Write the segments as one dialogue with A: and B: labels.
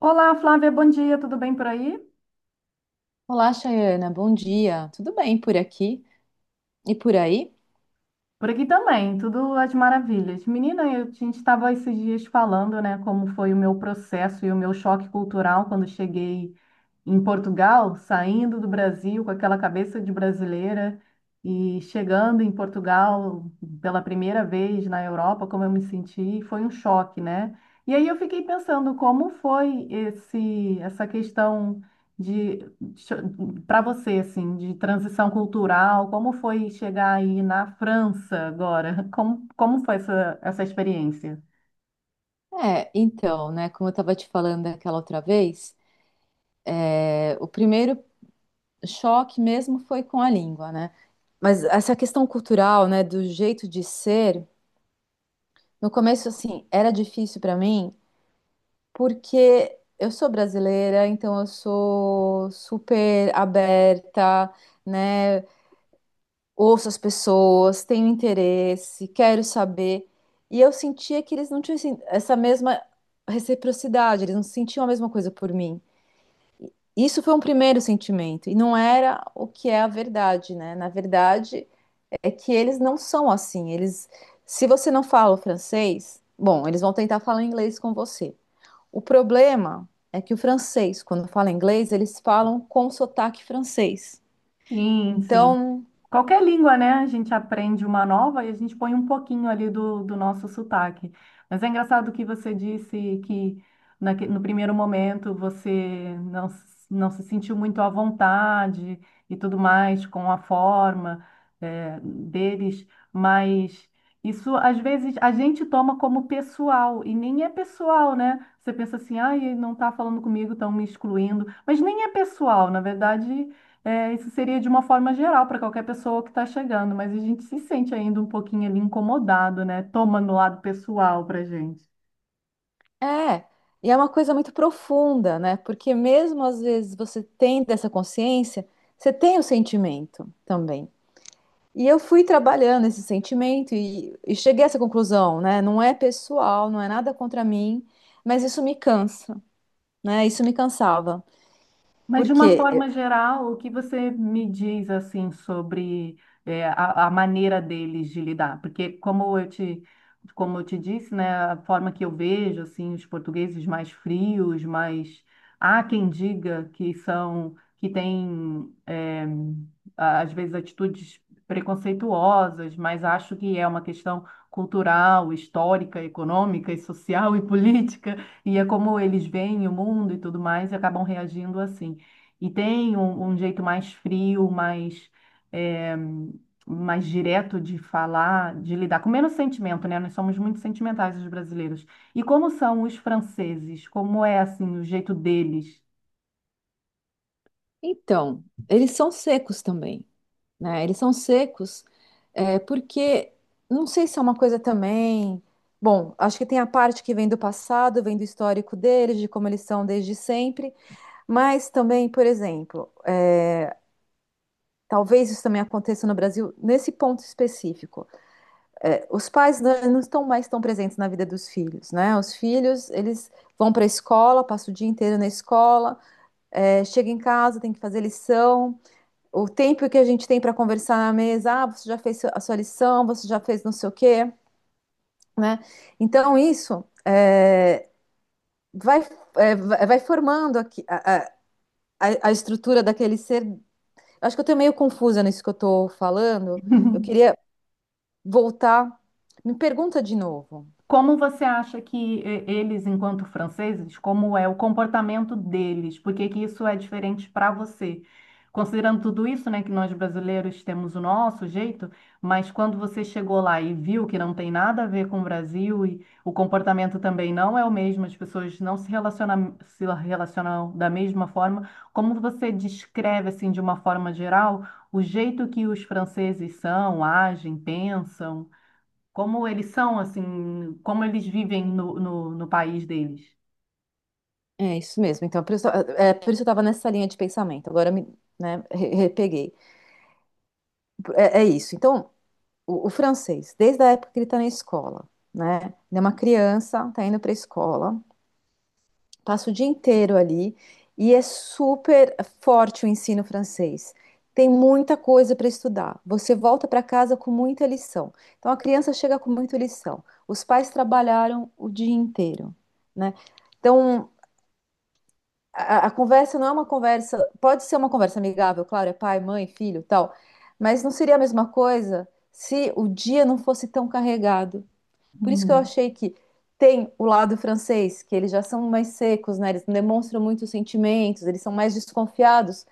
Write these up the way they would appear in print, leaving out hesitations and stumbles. A: Olá, Flávia, bom dia, tudo bem por aí?
B: Olá, Chayana, bom dia. Tudo bem por aqui e por aí?
A: Por aqui também, tudo às maravilhas. Menina, a gente estava esses dias falando, né, como foi o meu processo e o meu choque cultural quando cheguei em Portugal, saindo do Brasil com aquela cabeça de brasileira e chegando em Portugal pela primeira vez na Europa, como eu me senti, foi um choque, né? E aí eu fiquei pensando como foi esse essa questão de para você assim, de transição cultural, como foi chegar aí na França agora? Como foi essa experiência?
B: Como eu estava te falando aquela outra vez, o primeiro choque mesmo foi com a língua, né? Mas essa questão cultural, né, do jeito de ser, no começo, assim, era difícil para mim, porque eu sou brasileira, então eu sou super aberta, né? Ouço as pessoas, tenho interesse, quero saber. E eu sentia que eles não tinham essa mesma reciprocidade, eles não sentiam a mesma coisa por mim. Isso foi um primeiro sentimento, e não era o que é a verdade, né? Na verdade, é que eles não são assim. Eles, se você não fala o francês, bom, eles vão tentar falar inglês com você. O problema é que o francês, quando fala inglês, eles falam com sotaque francês.
A: Sim, sim.
B: Então,
A: Qualquer língua, né? A gente aprende uma nova e a gente põe um pouquinho ali do nosso sotaque. Mas é engraçado que você disse que no primeiro momento você não, s- não se sentiu muito à vontade e tudo mais com a forma, deles, mas isso às vezes a gente toma como pessoal e nem é pessoal, né? Você pensa assim, ah, ele não está falando comigo, estão me excluindo, mas nem é pessoal, na verdade. É, isso seria de uma forma geral para qualquer pessoa que está chegando, mas a gente se sente ainda um pouquinho ali incomodado, né? Toma no lado pessoal para gente.
B: é, e é uma coisa muito profunda, né? Porque mesmo às vezes você tem dessa consciência, você tem o sentimento também. E eu fui trabalhando esse sentimento e cheguei a essa conclusão, né? Não é pessoal, não é nada contra mim, mas isso me cansa, né? Isso me cansava.
A: Mas de uma
B: Porque,
A: forma geral, o que você me diz assim sobre a maneira deles de lidar? Porque como eu te disse, né, a forma que eu vejo assim os portugueses mais frios, mais há quem diga que são que têm às vezes atitudes preconceituosas, mas acho que é uma questão cultural, histórica, econômica e social e política, e é como eles veem o mundo e tudo mais e acabam reagindo assim. E tem um jeito mais frio, mais, é, mais direto de falar, de lidar, com menos sentimento, né? Nós somos muito sentimentais, os brasileiros. E como são os franceses? Como é, assim, o jeito deles?
B: então, eles são secos também. Né? Eles são secos, é, porque não sei se é uma coisa também. Bom, acho que tem a parte que vem do passado, vem do histórico deles, de como eles são desde sempre, mas também, por exemplo, talvez isso também aconteça no Brasil nesse ponto específico. É, os pais não estão mais tão presentes na vida dos filhos, né? Os filhos, eles vão para a escola, passam o dia inteiro na escola, chega em casa, tem que fazer lição. O tempo que a gente tem para conversar na mesa, ah, você já fez a sua lição, você já fez não sei o quê, né? Então, vai, é, vai formando aqui a estrutura daquele ser. Acho que eu estou meio confusa nisso que eu estou falando. Eu queria voltar. Me pergunta de novo.
A: Como você acha que eles, enquanto franceses, como é o comportamento deles? Por que que isso é diferente para você? Considerando tudo isso, né, que nós brasileiros temos o nosso jeito, mas quando você chegou lá e viu que não tem nada a ver com o Brasil e o comportamento também não é o mesmo, as pessoas não se relacionam, se relacionam da mesma forma, como você descreve, assim, de uma forma geral, o jeito que os franceses são, agem, pensam? Como eles são, assim, como eles vivem no país deles.
B: É isso mesmo. Então, por isso, por isso eu estava nessa linha de pensamento. Agora me, né, repeguei. É, é isso. Então, o francês, desde a época que ele está na escola, né? Ele é uma criança, está indo para a escola, passa o dia inteiro ali e é super forte o ensino francês. Tem muita coisa para estudar. Você volta para casa com muita lição. Então a criança chega com muita lição. Os pais trabalharam o dia inteiro, né? Então a conversa não é uma conversa, pode ser uma conversa amigável, claro, é pai, mãe, filho, tal, mas não seria a mesma coisa se o dia não fosse tão carregado, por isso que eu achei que tem o lado francês, que eles já são mais secos, né? Eles demonstram muitos sentimentos, eles são mais desconfiados.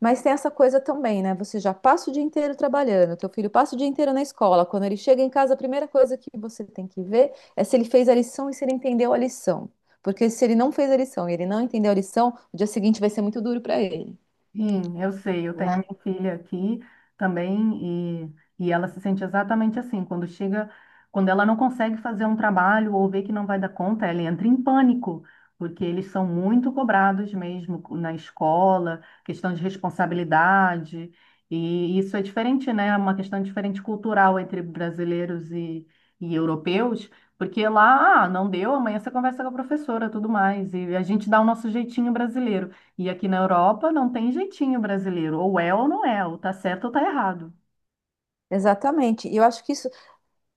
B: Mas tem essa coisa também, né? Você já passa o dia inteiro trabalhando, teu filho passa o dia inteiro na escola. Quando ele chega em casa, a primeira coisa que você tem que ver é se ele fez a lição e se ele entendeu a lição. Porque se ele não fez a lição e ele não entendeu a lição, o dia seguinte vai ser muito duro para ele,
A: Sim, eu sei, eu tenho a
B: né?
A: minha filha aqui também e ela se sente exatamente assim, quando chega, quando ela não consegue fazer um trabalho ou vê que não vai dar conta, ela entra em pânico, porque eles são muito cobrados mesmo na escola, questão de responsabilidade, e isso é diferente, né? É uma questão diferente cultural entre e europeus, porque lá, ah, não deu, amanhã você conversa com a professora, tudo mais, e a gente dá o nosso jeitinho brasileiro. E aqui na Europa não tem jeitinho brasileiro. Ou é ou não é, ou tá certo ou tá errado.
B: Exatamente. E eu acho que isso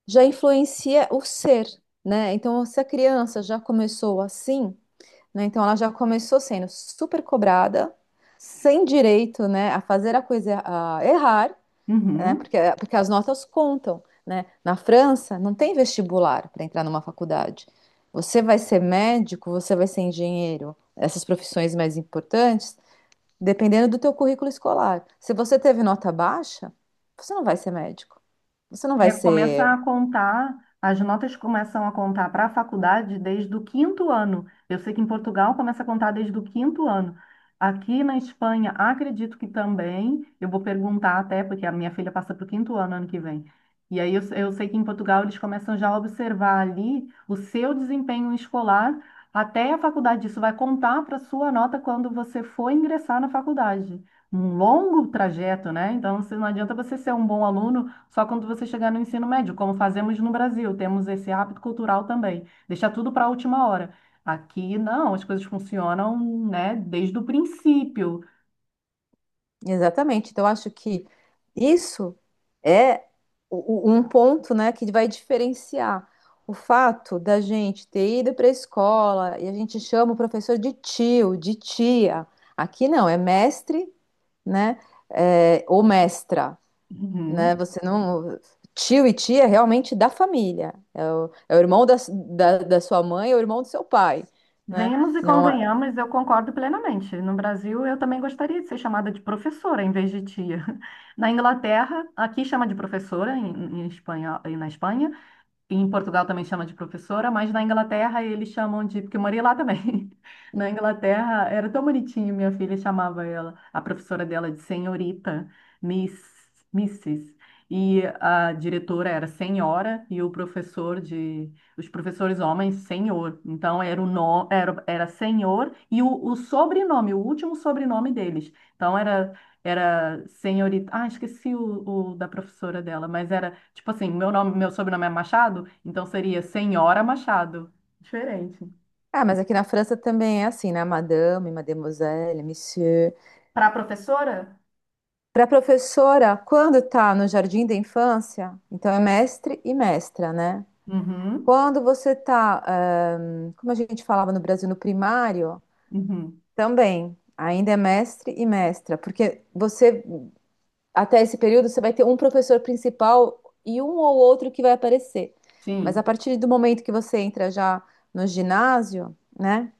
B: já influencia o ser, né? Então, se a criança já começou assim, né? Então ela já começou sendo super cobrada, sem direito, né, a fazer a coisa, a errar, né?
A: Uhum.
B: Porque as notas contam, né? Na França não tem vestibular para entrar numa faculdade. Você vai ser médico, você vai ser engenheiro, essas profissões mais importantes, dependendo do teu currículo escolar. Se você teve nota baixa, você não vai ser médico. Você não vai
A: Recomeça
B: ser.
A: a contar, as notas começam a contar para a faculdade desde o quinto ano. Eu sei que em Portugal começa a contar desde o quinto ano. Aqui na Espanha, acredito que também, eu vou perguntar até, porque a minha filha passa para o quinto ano ano que vem. E aí eu sei que em Portugal eles começam já a observar ali o seu desempenho escolar até a faculdade. Isso vai contar para a sua nota quando você for ingressar na faculdade. Um longo trajeto, né? Então, não adianta você ser um bom aluno só quando você chegar no ensino médio, como fazemos no Brasil, temos esse hábito cultural também, deixar tudo para a última hora. Aqui não, as coisas funcionam, né, desde o princípio.
B: Exatamente. Então, eu acho que isso é um ponto, né, que vai diferenciar o fato da gente ter ido para a escola e a gente chama o professor de tio, de tia. Aqui não, é mestre, né, é, ou mestra, né?
A: Uhum.
B: Você não. Tio e tia é realmente da família. É o, é o irmão da sua mãe, é o irmão do seu pai, né?
A: Venhamos e
B: Não, é-
A: convenhamos, eu concordo plenamente. No Brasil, eu também gostaria de ser chamada de professora em vez de tia. Na Inglaterra, aqui chama de professora em espanhol, e na Espanha, em Portugal também chama de professora, mas na Inglaterra eles chamam de, porque eu morei lá também. Na Inglaterra era tão bonitinho, minha filha chamava ela, a professora dela de senhorita, Miss, missis. E a diretora era senhora e o professor de, os professores homens, senhor. Então era era senhor e o sobrenome, o último sobrenome deles. Então era era senhorita. Ah, esqueci o da professora dela, mas era tipo assim: meu nome, meu sobrenome é Machado, então seria Senhora Machado. Diferente.
B: ah, mas aqui na França também é assim, né? Madame, mademoiselle, monsieur.
A: Para a professora?
B: Para a professora, quando está no jardim da infância, então é mestre e mestra, né?
A: Uhum,
B: Quando você está, como a gente falava no Brasil, no primário,
A: uhum,
B: também ainda é mestre e mestra, porque você, até esse período, você vai ter um professor principal e um ou outro que vai aparecer. Mas a
A: sim.
B: partir do momento que você entra já no ginásio, né?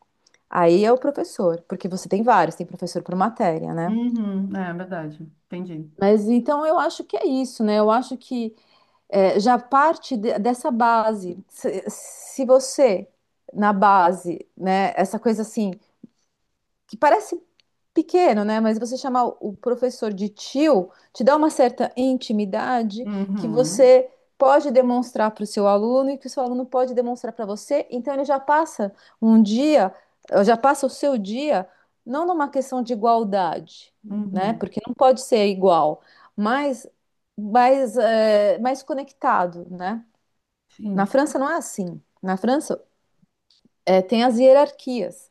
B: Aí é o professor, porque você tem vários, tem professor por matéria, né?
A: Uhum, é verdade. Entendi.
B: Mas então eu acho que é isso, né? Eu acho que é, já parte dessa base. Se você, na base, né, essa coisa assim, que parece pequeno, né? Mas você chamar o professor de tio te dá uma certa intimidade que
A: Uhum,
B: você pode demonstrar para o seu aluno e que o seu aluno pode demonstrar para você. Então ele já passa um dia, já passa o seu dia não numa questão de igualdade, né?
A: uhum,
B: Porque não pode ser igual, mas mais, é, mais conectado, né? Na
A: sim.
B: França não é assim. Na França é, tem as hierarquias,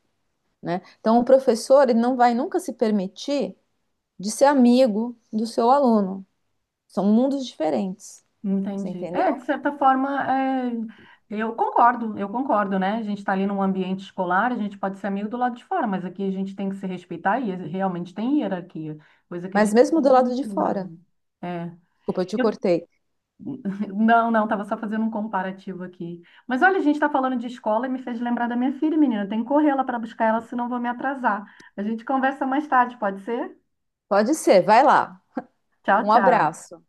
B: né? Então, o professor ele não vai nunca se permitir de ser amigo do seu aluno. São mundos diferentes, você
A: Entendi.
B: entendeu?
A: É, de certa forma, é, eu concordo, né? A gente está ali num ambiente escolar, a gente pode ser amigo do lado de fora, mas aqui a gente tem que se respeitar e realmente tem hierarquia, coisa que a
B: Mas
A: gente
B: mesmo do
A: perde
B: lado de
A: muito no
B: fora.
A: Brasil. É.
B: Desculpa, eu te
A: Eu...
B: cortei.
A: Não, não, estava só fazendo um comparativo aqui. Mas olha, a gente está falando de escola e me fez lembrar da minha filha, menina. Eu tenho que correr lá para buscar ela, senão eu vou me atrasar. A gente conversa mais tarde, pode ser?
B: Pode ser, vai lá.
A: Tchau,
B: Um
A: tchau.
B: abraço.